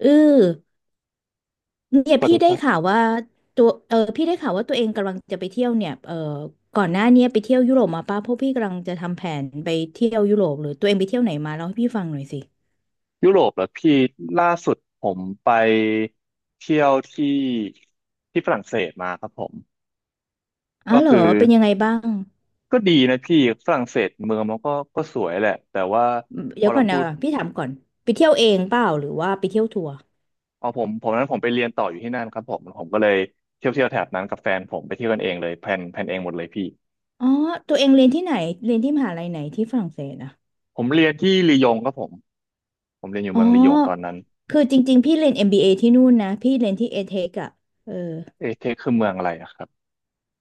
เออเนี่ยสวัสพี่ดีคได้รับข่าวว่าตัวพี่ได้ข่าวว่าตัวเองกำลังจะไปเที่ยวเนี่ยก่อนหน้าเนี้ยไปเที่ยวยุโรปมาป่ะเพราะพี่กำลังจะทำแผนไปเที่ยวยุโรปหรือตัวเองไปเที่ยวไหนมาเล่าให้พี่ฟังหน่อยสิยุโรปเหรอพี่ล่าสุดผมไปเที่ยวที่ฝรั่งเศสมาครับผมอ๋อก็เหรอคือเป็นยังไงบ้างก็ดีนะพี่ฝรั่งเศสเมืองมันก็สวยแหละแต่ว่าพเดี๋อยวเราก่อนพูนะดพี่ถามก่อนไปเที่ยวเองเปล่าหรือว่าไปเที่ยวทัวร์เอาผมผมนั้นผมไปเรียนต่ออยู่ที่นั่นครับผมก็เลยเที่ยวแถบนั้นกับแฟนผมไปเที่ยวกันเองเลยแพลนเองหมดเลยพี่อ๋อตัวเองเรียนที่ไหนเรียนที่มหาลัยไหนที่ฝรั่งเศสอะผมเรียนที่ลียงครับผมผมเรียนอยู่อ๋อเมืองลียงตอนนั้นคือจริงๆพี่เรียน MBA ที่นู่นนะพี่เรียนที่เอเทคอะเออเอเทคคือเมืองอะไรอะครับ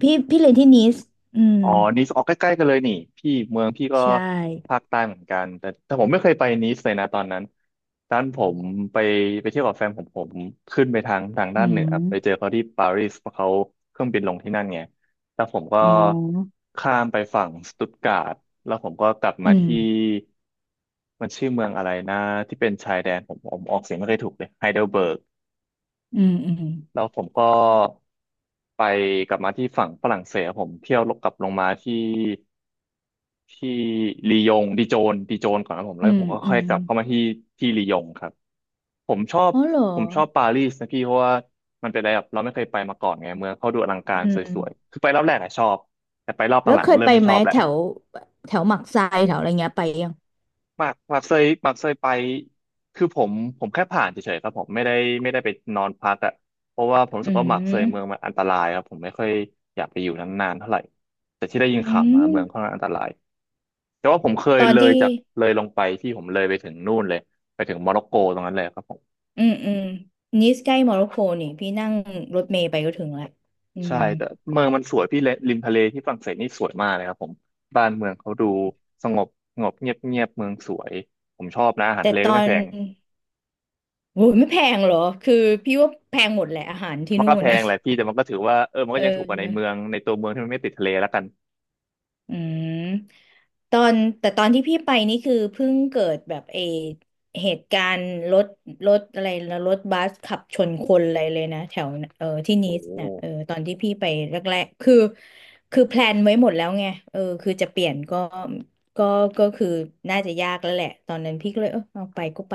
พี่เรียนที่นีสอืมอ๋อนีสออกใกล้ๆกันเลยนี่พี่เมืองพี่ก็ใช่ภาคใต้เหมือนกันแต่ผมไม่เคยไปนีสเลยนะตอนนั้นด้านผมไปไปเที่ยวกับแฟนผมผมไปทางอืด้านเหนือไปเจอม เขาที่ปารีสเพราะเขาเครื่องบินลงที่นั่นไงแล้วผมก็อ๋อข้ามไปฝั่งสตุตการ์ดแล้วผมก็กลับอืมามที่มันชื่อเมืองอะไรนะที่เป็นชายแดนผมผมออกเสียงไม่ค่อยถูกเลยไฮเดลเบิร์ก อืมอืมแล้วผมก็ไปกลับมาที่ฝั่งฝรั่งเศสผมเที่ยวลกกลับลงมาที่ที่ลียงดิโจนก่อนนะผมแล้อืวผมมก็อืค่อยมกลับเข้ามาที่ที่ลียงครับผมชอบอ๋อเหรอผมชอบปารีสนะพี่เพราะว่ามันเป็นอะไรแบบเราไม่เคยไปมาก่อนไงเมืองเขาดูอลังกาอืรสมวยๆคือไปรอบแรกอะชอบแต่ไปรอบแล้วหลัเคงๆยเริ่ไปมไม่ชไหมอบแล้ว แถวแถวหมักทรายแถวอะไรเงี้ยไปยัง หมากหมากเคยหมากเคยไปคือผมผมผ่านเฉยๆครับผมไม่ได้ไม่ได้ไปนอนพักอ่ะเพราะว่าผมรู้อืสึกว่าหมากเคยเมืองมัมนอันตรายครับผมไม่ค่อยอยากไปอยู่นานๆเท่าไหร่แต่ที่ได้ยินอืข่าวมามเมืองค่อนข้างอันตรายแต่ว่าผมเคยตอนเลยที่จากเลยลงไปที่ผมเลยไปถึงนู่นเลยไปถึงโมร็อกโกตรงนั้นเลยครับผมอืมอืมนิสใกล้โมร็อกโกนี่พี่นั่งรถเมล์ไปก็ถึงละอืใช่มแต่เมืองมันสวยพี่เลริมทะเลที่ฝรั่งเศสนี่สวยมากเลยครับผมบ้านเมืองเขาดูสงบสงบเงียบเงียบเมืองสวยผมชอบนะอาหารแต่ทะเลตก็อไม่นแพง โหไม่แพงเหรอ คือพี่ว่าแพงหมดแหละอาหารที่มันนู่ก็นแพนะงแหละพี่แต่มันก็ถือว่าเออมันเอก็ยังถูกกว่าในเมือ องในตัวเมืองที่มันไม่ติดทะเลแล้วกันอืมตอนแต่ตอนที่พี่ไปนี่คือเพิ่งเกิดแบบเหตุการณ์รถอะไรนะรถบัสขับชนคนอะไรเลยนะแถวที่โอนีสเนี่ยเออ้ตอนที่พี่ไปแรกๆคือคือแพลนไว้หมดแล้วไงคือจะเปลี่ยนก็ก็คือน่าจะยากแล้วแหละตอนนั้นพี่ก็เลยเอาไปก็ไป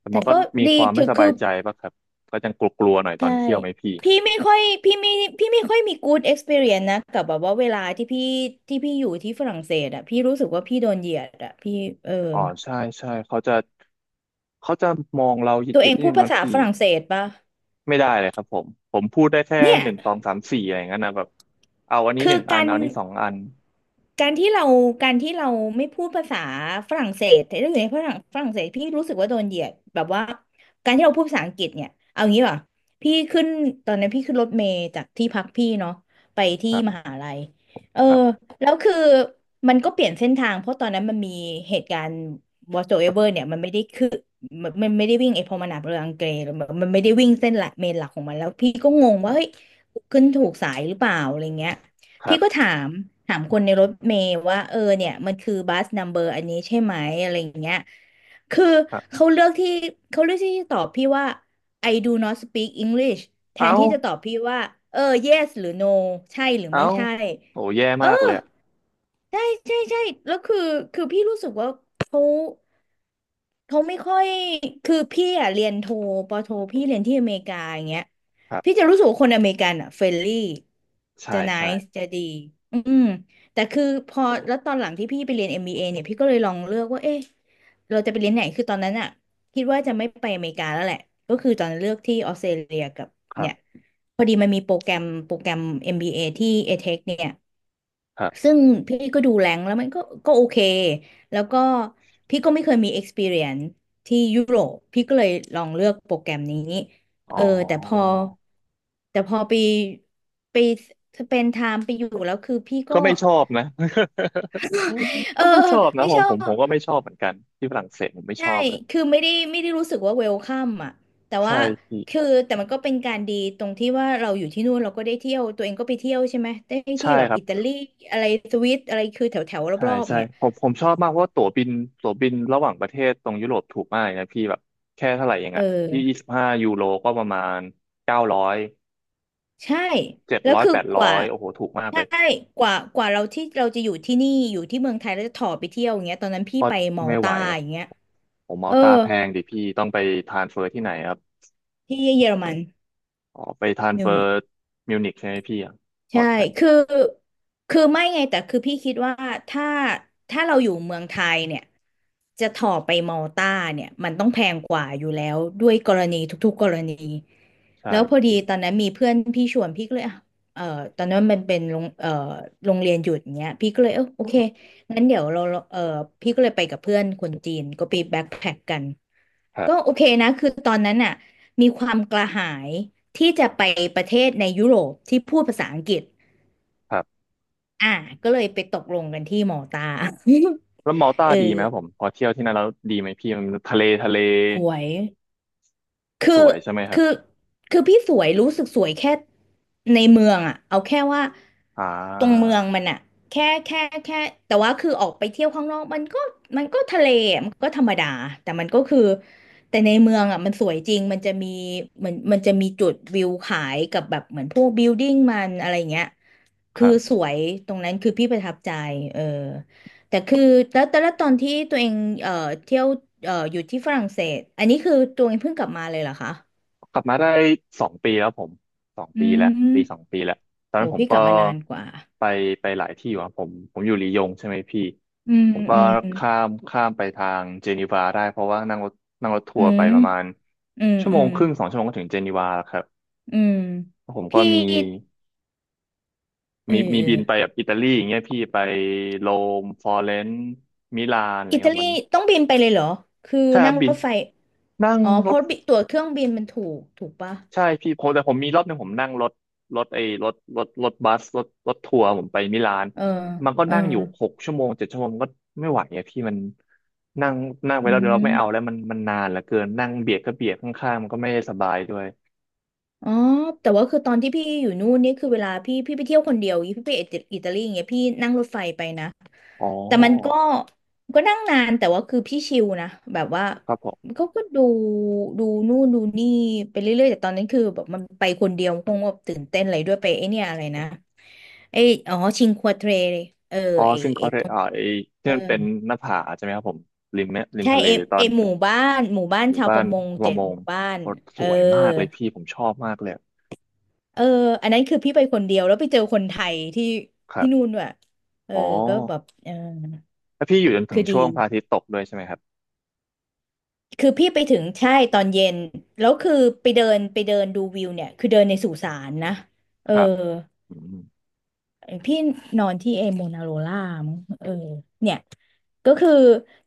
แต่แต่มันก็ก็มีดีความไม่ถือสบาคืยอ ใจป่ะครับก็ยังกลัวๆหน่อยตอใช่นเที่ยวไหมพี่พี่ไม่ค่อยพี่ไม่ค่อยมี good experience นะกับแบบว่าเวลาที่พี่อยู่ที่ฝรั่งเศสอะพี่รู้สึกว่าพี่โดนเหยียดอะพี่เอออ๋อใช่ใช่เขาจะมองเราเหตัวยีเอยดงๆนิดพูดนึงภานะษาพี่ฝรั่งเศสปะไม่ได้เลยครับผมผมพูดได้แค่เนี่ยหนึ่งสองสามสี่อะไรอย่างนั้นนะแบบเอาอันนี้หคือนึ่งอักานร เอาอันนี้สองอันการที่เราการที่เราไม่พูดภาษาฝรั่งเศสแต่ถ้าอยู่ในฝรั่งเศสพี่รู้สึกว่าโดนเหยียดแบบว่าการที่เราพูดภาษาอังกฤษเนี่ยเอางี้ป่ะพี่ขึ้นตอนนั้นพี่ขึ้นรถเมล์จากที่พักพี่เนาะไปที่ครัมบหาลัยเออครับแล้วคือมันก็เปลี่ยนเส้นทางเพราะตอนนั้นมันมีเหตุการณ์ whatsoever เนี่ยมันไม่ได้คือมันไม่ได้วิ่งไอ้พอมนาบเรืออังเกรหรือมันไม่ได้วิ่งเส้นหลักเมนหลักของมันแล้วพี่ก็งงคว่ารัเฮ้ยบขึ้นถูกสายหรือเปล่าอะไรเงี้ย ครัพี่ก็บถามถามคนในรถเมล์ว่าเนี่ยมันคือบัสนัมเบอร์อันนี้ใช่ไหมอะไรอย่างเงี้ยคือครับเขาเลือกที่เขาเลือกที่จะตอบพี่ว่า I do not speak English แทนเอาที่จะตอบพี่ว่าเออ yes หรือ no ใช่หรือเอาไม่ใช่โอ้แย่เออ มากเลยอะใช่ใช่แล้วคือคือพี่รู้สึกว่าเขาไม่ค่อยคือพี่อ่ะเรียนโทปอโทพี่เรียนที่อเมริกาอย่างเงี้ยครัพี่บจะรู้สึกว่าคนอเมริกันอ่ะเฟรนลี่ใช่จะ n ใช่น c e จะดีอืมแต่คือพอแล้วตอนหลังที่พี่ไปเรียนเอ็มบ a เอเนี่ยพี่ก็เลยลองเลือกว่าเอ๊ะเราจะไปเรียนไหนคือตอนนั้นอ่ะคิดว่าจะไม่ไปอเมริกาแล้วแหละก็คือตอนนั้นเลือกที่ออสเตรเลียกับครัเนี่ยบพอดีมันมีโปรแกรมเอ็มบีเ a ที่ ETH เทคเนี่ย ครัซึ่บงพี่ก็ดูแรงแล้วมันก็ก็โอเคแล้วก็พี่ก็ไม่เคยมี experience ที่ยุโรปพี่ก็เลยลองเลือกโปรแกรมนี้อ๋อเออแต่พอแต่พอไปไปสเปนไทม์ไปอยู่แล้วคือพี่ก็ ก็ไม่ชอบนะ เออก็ไม่ชอบนะไม่ผชมอผมผบมก็ไม่ชอบเหมือนกันที่ฝรั่งเศสผมไม่ชใช่อบเลยคือไม่ได้รู้สึกว่าเวลคัมอ่ะแต่ใช่ว่าพี่คือแต่มันก็เป็นการดีตรงที่ว่าเราอยู่ที่นู่นเราก็ได้เที่ยวตัวเองก็ไปเที่ยวใช่ไหมได้ใช่ที่แบบครับอิตาลีอะไรสวิตอะไรคือแถวแถวใช่รอบใช่ๆเนี่ยผมชอบมากเพราะว่าตั๋วบินระหว่างประเทศตรงยุโรปถูกมากเลยนะพี่แบบแค่เท่าไหร่เองเออ่ะยี่อ สิบห้ายูโรก็ประมาณ900ใช่ เจ็ดแล้วร้อยคือแปดกร้ว่าอยโอ้โหถูกมากเลใช่ยกว่าเราที่เราจะอยู่ที่นี่อยู่ที่เมืองไทยแล้วจะถ่อไปเที่ยวอย่างเงี้ยตอนนั้นพี่ก็ไปมอลไม่ไหวตาครับอย่างเงี้ยผมเอเอาอตาแพงดิพี่ต้องไปทรานสเฟอร์ที่ไหนครับที่เยอรมันอ๋อไปทรานสมิเฟวอนิร์ก มิวนิกใช่ไหมพี่อะพอใช่ร์ตใหญ่คือคือไม่ไงแต่คือพี่คิดว่า ถ้า ถ้าเราอยู่เมืองไทยเนี่ย จะถ่อไปมอลต้าเนี่ย มันต้องแพงกว่าอยู่แล้ว ด้วยกรณีทุกๆกรณี ใช่แล้วพอดีพี่ตอนนั้นมีเพื่อนพี่ชวนพี่ก็เลยอ่ะเออตอนนั้นมันเป็นโรงโรงเรียนหยุดอย่างเงี้ยพี่ก็เลยโอเคงั้นเดี๋ยวเราเออพี่ก็เลยไปกับเพื่อนคนจีนก็ไปแบ็คแพ็คกันครัก็โอบ เคนะ คือตอนนั้นน่ะมีความกระหาย ที่จะไปประเทศในยุโรปที่พูดภาษาอังกฤษอ่าก็เลยไปตกลงกันที่มอลตา แล้วมาลตาเอดีไหมครับผอมพอเที่ยวที่นั่นแล้วดีไหมพี่มันทะเลทะเลสวยคือสวยใช่ไหมครัคือบคือพี่สวยรู้สึกสวยแค่ในเมืองอ่ะเอาแค่ว่าอ่ตรงเมืาองมันอ่ะแค่แค่แค่แต่ว่าคือออกไปเที่ยวข้างนอกมันก็ทะเลอะมันก็ธรรมดาแต่มันก็คือแต่ในเมืองอ่ะมันสวยจริงมันจะมีจุดวิวขายกับแบบเหมือนพวกบิลดิ้งมันอะไรเงี้ย คคือรัสบวยตรงนั้นคือพี่ประทับใจเออแต่คือแล้วแต่ละตอนที่ตัวเองเอ่อเที่ยวอยู่ที่ฝรั่งเศสอันนี้คือตัวเองเพิ่งกลับมาเลยเหรอคะกลับมาได้สองปีแล้วผมสองอืปีแล้วมปีสองปีแล้วตอนโอ้นั้นผมพี่กก็ลับมานานกว่าไปไปหลายที่อยู่ครับผมผมอยู่ลียงใช่ไหมพี่อืมผมก็อืมข้ามไปทางเจนีวาได้เพราะว่านั่งรถทัอืวร์ไปมประมาณอืมชั่วโมอืงมครึ่ง2 ชั่วโมงก็ถึงเจนีวาแล้วครับอืมผมก็พี่มีเอมีอมีเออบินไปแบบอิตาลีอย่างเงี้ยพี่ไปโรมฟลอเรนซ์มิลานอะไรอิตาเงี้ยลีมัน ต้องบินไปเลยเหรอคือสนานั่มงบิรนถไฟนั่งอ๋อรเพถราะตั๋วเครื่องบินมันถูกปะใช่พี่ผมแต่ผมมีรอบหนึ่งผมนั่งรถไอ้รถรถบัสรถทัวร์ผมไปมิลานเออมันก็เออนั่งอยู่6 ชั่วโมง7 ชั่วโมงก็ไม่ไหวอะพี่มันนั่งนั่งไปอืแล้วเดี๋ยวเราไม่เอาแล้วม มันนานเหลือเกินนั่งเบียดก็เบียดข้างๆมันก็ไม่ได้สบายด้วยอ๋อ แต่ว่าคือตอนที่พี่อยู่นู่นนี่คือเวลาพี่ไปเที่ยวคนเดียวอย่างงี้พี่ไปอิตาลีอย่างเงี้ยพี่นั่งรถไฟไปนะอ๋อแต่มันก็ก็นั่งนานแต่ว่าคือพี่ชิลนะแบบว่าครับผมเขาก็ดูนู่นดูนี่ไปเรื่อยๆแต่ตอนนั้นคือแบบมันไปคนเดียวคงแบบตื่นเต้นอะไรด้วยไปไอเนี่ยอะไรนะไออ๋อชิงควาเทรเลยเอออ๋อไอซึ่งไอก็ได้ตรงอ่าไอ้ที่อมันเป็นหน้าผาใช่ไหมครับผมริมใช่ทะเลเอตอเอนหมู่บ้านหมู่ชาวปบ้านระมงปเจ็ระดมหงมู่บ้านโอ้เอสอ วยมากเลยพี่ผมชอบมากเลยเอออันนั้นคือพี่ไปคนเดียวแล้วไปเจอคนไทยที่ครัที่นู่นบด้วยเอออ๋อ ก็แบบแล้วพี่อยู่จนถึงคือช่ดี วงพระอาทิตย์ตกด้วยใช่ไหมครับคือพี่ไปถึงใช่ตอนเย็น แล้วคือไปเดินดูวิวเนี่ย คือเดินในสุสานนะเอคอ รับอืมพี่นอนที่เอโมนาโรล่ามั้งเนี่ยก็คือ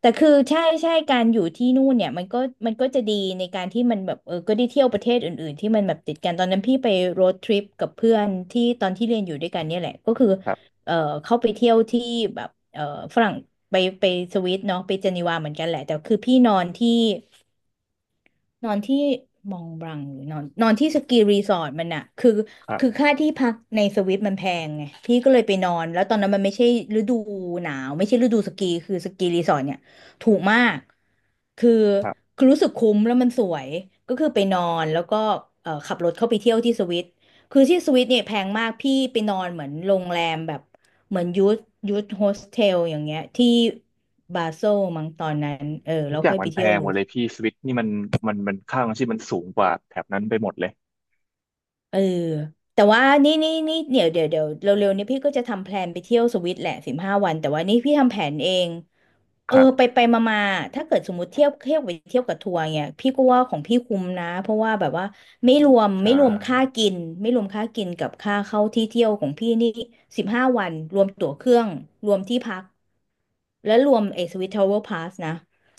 แต่คือใช่การอยู่ที่นู่นเนี่ยมันก็มันก็จะดีในการที่มันแบบก็ได้เที่ยวประเทศอื่นๆที่มันแบบติดกันตอนนั้นพี่ไปโรดทริปกับเพื่อนที่ตอนที่เรียนอยู่ด้วยกันเนี่ยแหละก็คือครับ เออเข้าไปเที่ยวที่แบบฝรั่งไปไปสวิตเนาะไปเจนีวาเหมือนกันแหละแต่คือพี่นอนที่ นอนที่มองบลังหรือนอนนอนที่สกีรีสอร์ทมันอะคือครัคือบค่าที่พักในสวิตมันแพงไงพี่ก็เลยไปนอนแล้วตอนนั้นมันไม่ใช่ฤดูหนาวไม่ใช่ฤดูสกีคือสกีรีสอร์ทเนี่ยถูกมากคือครับ คือรู้สึกคุ้มแล้วมันสวยก็คือไปนอนแล้วก็ขับรถเข้าไปเที่ยวที่สวิตคือที่สวิตเนี่ยแพงมากพี่ไปนอนเหมือนโรงแรมแบบเหมือนยูทโฮสเทลอย่างเงี้ยที่บาโซลมั้งตอนนั้นเออทุแล้กวอย่าค่งอยมัไปนแพเที่ยวงรูหมดส เลยพี่สวิตนี่มันมันค่าของชีพมันสูงกว่าแถบนั้นไปหมดเลย เออแต่ว่านี่เดี๋ยวเร็วๆนี้พี่ก็จะทำแพลนไปเที่ยวสวิตแหละสิบห้าวันแต่ว่านี่พี่ทำแผนเองเอคอรัไปบไปมามาถ้าเกิดสมมติเที่ยวเที่ยวไปเที่ยวกับทัวร์เนี่ยพี่ก็ว่าของพี่คุ้มนะเพราะว่าแบบว่าใช่ไม่รวมค่ากินไม่รวมค่ากินกับค่าเข้าที่เที่ยวของพี่นี่สิบห้าวันรวมตั๋วเครื่องรวมที่พักและรวมไอ้สวิตทราวเวลร์พาสนะ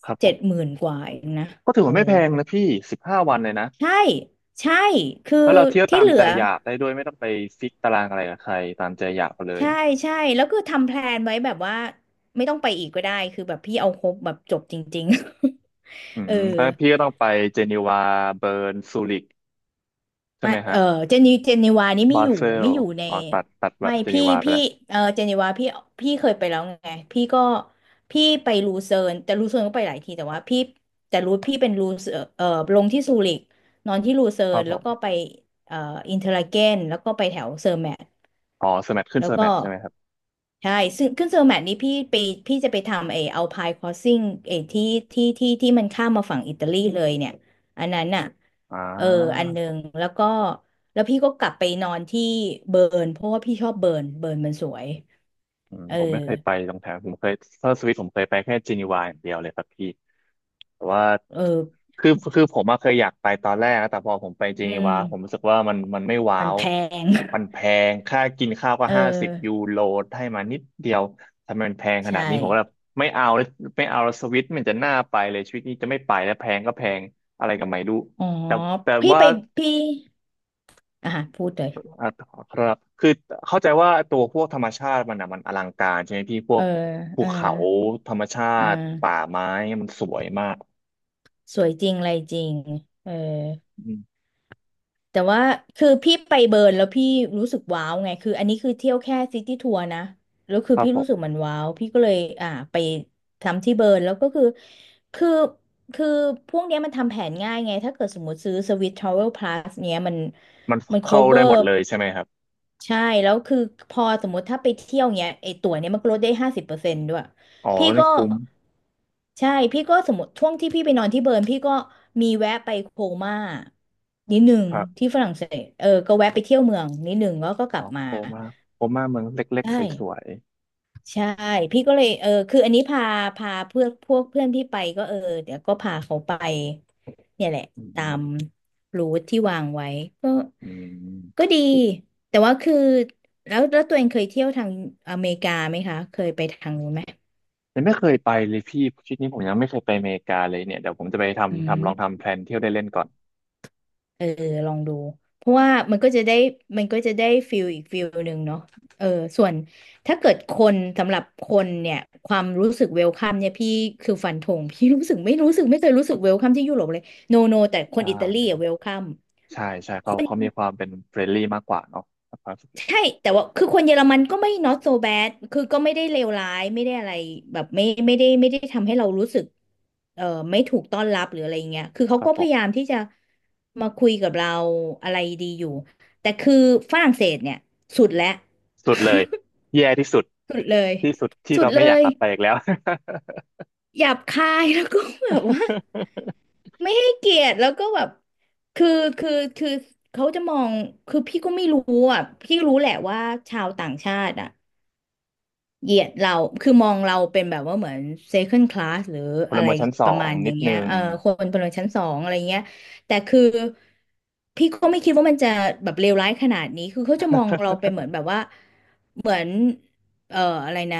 ครับผเจ็ม ดหมื่นกว่าเองนะก็ถือเออว่าไม่แพงนะพี่15วันเลยนะใช่ใช่คือแล้วเราเที่ยวตาที่มเหลืใจอ อยากได้ด้วยไม่ต้องไปฟิกตารางอะไรกับใครตามใจอยากไปเลยใช่ใช่แล้วคือทำแพลนไว้แบบว่าไม่ต้องไปอีกก็ได้คือแบบพี่เอาครบแบบจบจริงๆ อื เออมแล้วพี่ก็ต้องไปเจนีวาเบิร์นซูริกใช่มาไหมเอฮะอเจนีวานี่ไม่บาอยู่เซไม่ลอยู่ในอ๋อตัดตัไม่ดเจนีวาไปพี่แล้วเออเจนีวาพี่พี่เคยไปแล้วไงพี่ก็พี่ไปลูเซิร์นแต่ลูเซิร์นก็ไปหลายทีแต่ว่าพี่แต่รู้พี่เป็นลูเซิร์นเออลงที่ซูริกนอนที่ลูเซิคร์รันบผแล้วมก็ไปเอ่ออินเทอร์ลาเกนแล้วก็ไปแถวเซอร์แมท อ๋อสแมทขึ้นแล้วสก็แมทใช่ไหมครับใช่ซึ่งขึ้นเซอร์แมทนี้พี่ไปพี่จะไปทำไอเอาพายคอสซิ่งไอที่ที่มันข้ามมาฝั่งอิตาลีเลยเนี่ยอันนั้นอ่ะอ่เอออันหา นึ่งแล้วก็แล้วพี่ก็กลับไปนอนที่เบิร์นเพราะว่าพี่ชอบเบิร์นเบิร์นมันสวยอืมเออผมไม่เคยไปตรงแถวผมเคยเซอร์สวิตผมเคยไปแค่เจนีวาอย่างเดียวเลยครับพี่แต่ว่าเออคือคือผมอะเคยอยากไปตอนแรกนะแต่พอผมไปเจอืนีมวาผมรู้สึกว่ามันไม่ว้ามันวแพง มันแพงค่ากินข้าวก็ เ50ยูออโรให้มานิดเดียวทำไมมันแพงขนาใช่ดนี้ผมก็แบบไม่เอาเลยไม่เอาแล้วสวิตมันจะน่าไปเลยชีวิตนี้จะไม่ไปแล้วแพงก็แพงอะไรกบไม่รู้อ๋อแต่แต่พี่ว่า ไปพี่อ่ะพูดเลยอ่าครับคือเข้าใจว่าตัวพวกธรรมชาติมันอ่ะมันอลังการใช่ไหมพี่พวเอกอภูเออเขาธรรมชาอ่ติป่าาไม้มันสวยมากสวยจริงอะไรจริงเออ อืมแต่ว่าคือพี่ไปเบิร์นแล้วพี่รู้สึกว้าวไงคืออันนี้คือเที่ยวแค่ซิตี้ทัวร์นะแล้วคืคอรับพี่ผรู้สึกมมันว้าวพี่ก็เลยไปทำที่เบิร์นแล้วก็คือคือพวกเนี้ยมันทำแผนง่ายไงถ้าเกิดสมมติซื้อสวิส Travel Plus เนี้ยมันมัน เข้าได้ cover หมดเลยใช่ไหมครับใช่แล้วคือพอสมมติถ้าไปเที่ยวเนี้ยไอตั๋วเนี้ยมันก็ลดได้50%ด้วย อ๋อพี่นี่ก็คุ้มใช่พี่ก็สมมติช่วงที่พี่ไปนอนที่เบิร์นพี่ก็มีแวะไปโคม่านิดหนึ่งครับที่ฝรั่งเศสก็แวะไปเที่ยวเมืองนิดหนึ่งแล้วก็กลัอ๋บอมาโกมาโกมาเมืองเล็กใช่ๆสวยใช่พี่ก็เลยคืออันนี้พาเพื่อนพวกเพื่อนพี่ไปก็เดี๋ยวก็พาเขาไปเนี่ยแหละๆอืตามมรูทที่วางไว้ก็อืก็มดีแต่ว่าคือแล้วตัวเองเคยเที่ยวทางอเมริกาไหมคะเคยไปทางนู้นไหมยังไม่เคยไปเลยพี่ชวิตนี้ผมยังไม่เคยไปอเมริกาเลยเนี่ยเดี๋ยวผมจะไปอืทำม ทำลองทำแพลนเที่ยวได้เล่นก่อนเออลองดูเพราะว่ามันก็จะได้ฟิลอีกฟิลหนึ่งเนาะเออส่วนถ้าเกิดคนสำหรับคนเนี่ยความรู้สึกเวลคัมเนี่ยพี่คือฟันธง พี่รู้สึกไม่รู้สึกไม่เคยรู้สึกเวลคัมที่ยุโรปเลยโนโนแต่คใชนอิตาลี่อะเวลคัม ใช่เขามีความเป็นเฟรนลี่มากกว่าเนาะครับผมใช่แต่ว่าคือคนเยอรมันก็ไม่ not so bad คือก็ไม่ได้เลวร้ายไม่ได้อะไรแบบไม่ได้ทำให้เรารู้สึกเอ่อไม่ถูกต้อนรับหรืออะไรเงี้ยคือเขาครับก็ผพม ยายามที่จะมาคุยกับเราอะไรดีอยู่แต่คือฝรั่งเศสเนี่ยสุดแล้วสุดเลยแย่ที่สุดสุดเลยที่สุดที่สุดเราเลไม่อยากยกลับไปอีกแล้ว หยาบคายแล้วก็แบบว่าไม่ให้เกียรติแล้วก็แบบคือคือคือเขาจะมองคือพี่ก็ไม่รู้อ่ะพี่รู้แหละว่าชาวต่างชาติอ่ะ เหยียดเราคือมองเราเป็นแบบว่าเหมือน second class หรือ พลอะไรเมืองชั้นสปอระมางณอนิย่าดงเงี้นึยง คนพลเมืองชั้นสองอะไรเงี้ยแต่คือพี่ก็ไม่คิดว่ามันจะแบบเลวร้ายขนาดนี้คือเขาจะมองเราเป็น เหมือนแบบว่าเหมือนเอ่ออะไรนะ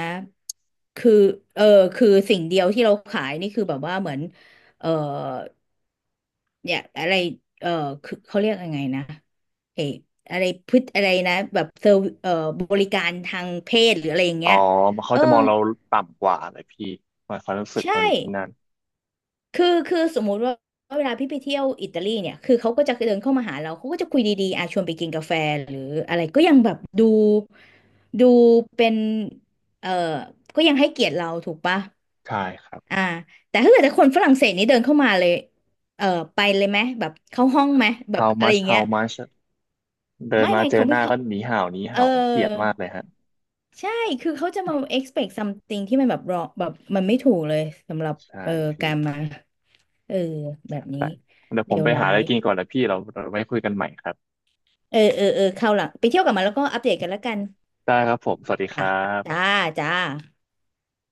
คือเออคือสิ่งเดียวที่เราขายนี่คือแบบว่าเหมือนเอ่อเนี่ยอะไรเอ่อคือเขาเรียกยังไงนะเอออะไรพฤติอะไรนะแบบเซอร์บริการทางเพศหรืออะไรอย่างอ๋อเงี้ยเขาเออ จะมองเราต่ำกว่าเลยพี่หมายความรู้สึกใช่ตอนนี้ที่นั่นคือสมมุติว่าเวลาพี่ไปเที่ยวอิตาลีเนี่ยคือเขาก็จะเดินเข้ามาหาเราเขาก็จะคุยดีๆอ่ชวนไปกินกาแฟหรืออะไรก็ยังแบบดูเป็นเออก็ยังให้เกียรติเราถูกปะใช่ครับ อ่าแต่ถ้าเกิดแต่คนฝรั่งเศสนี่เดินเข้ามาเลยเออไปเลยไหมแบบเข้าห้องไหมแบบ how อะไรอ much ย่างเงี้ย how much เดินไม่มาไม่เจอเขาหไม่น้าเขาก็หนีเห่าหนีเออเห่าผมเกลียดมากเลยฮะใช่คือเขาจะมา expect something ที่มันแบบรอแบบมันไม่ถูกเลยสำหรับใช่เออพี่การมา เออแบบนี้แต่เดี๋ยวเลผมวไปร้าหาอะไรยกินก่อนนะพี่เราไว้คุยกันใหม่ครับเออเข้าวหลังไปเที่ยวกลับมาแล้วก็อัปเดตกันแล้วกันได้ครับผมสวัสดีคจ้ะรัจ้าบจ้า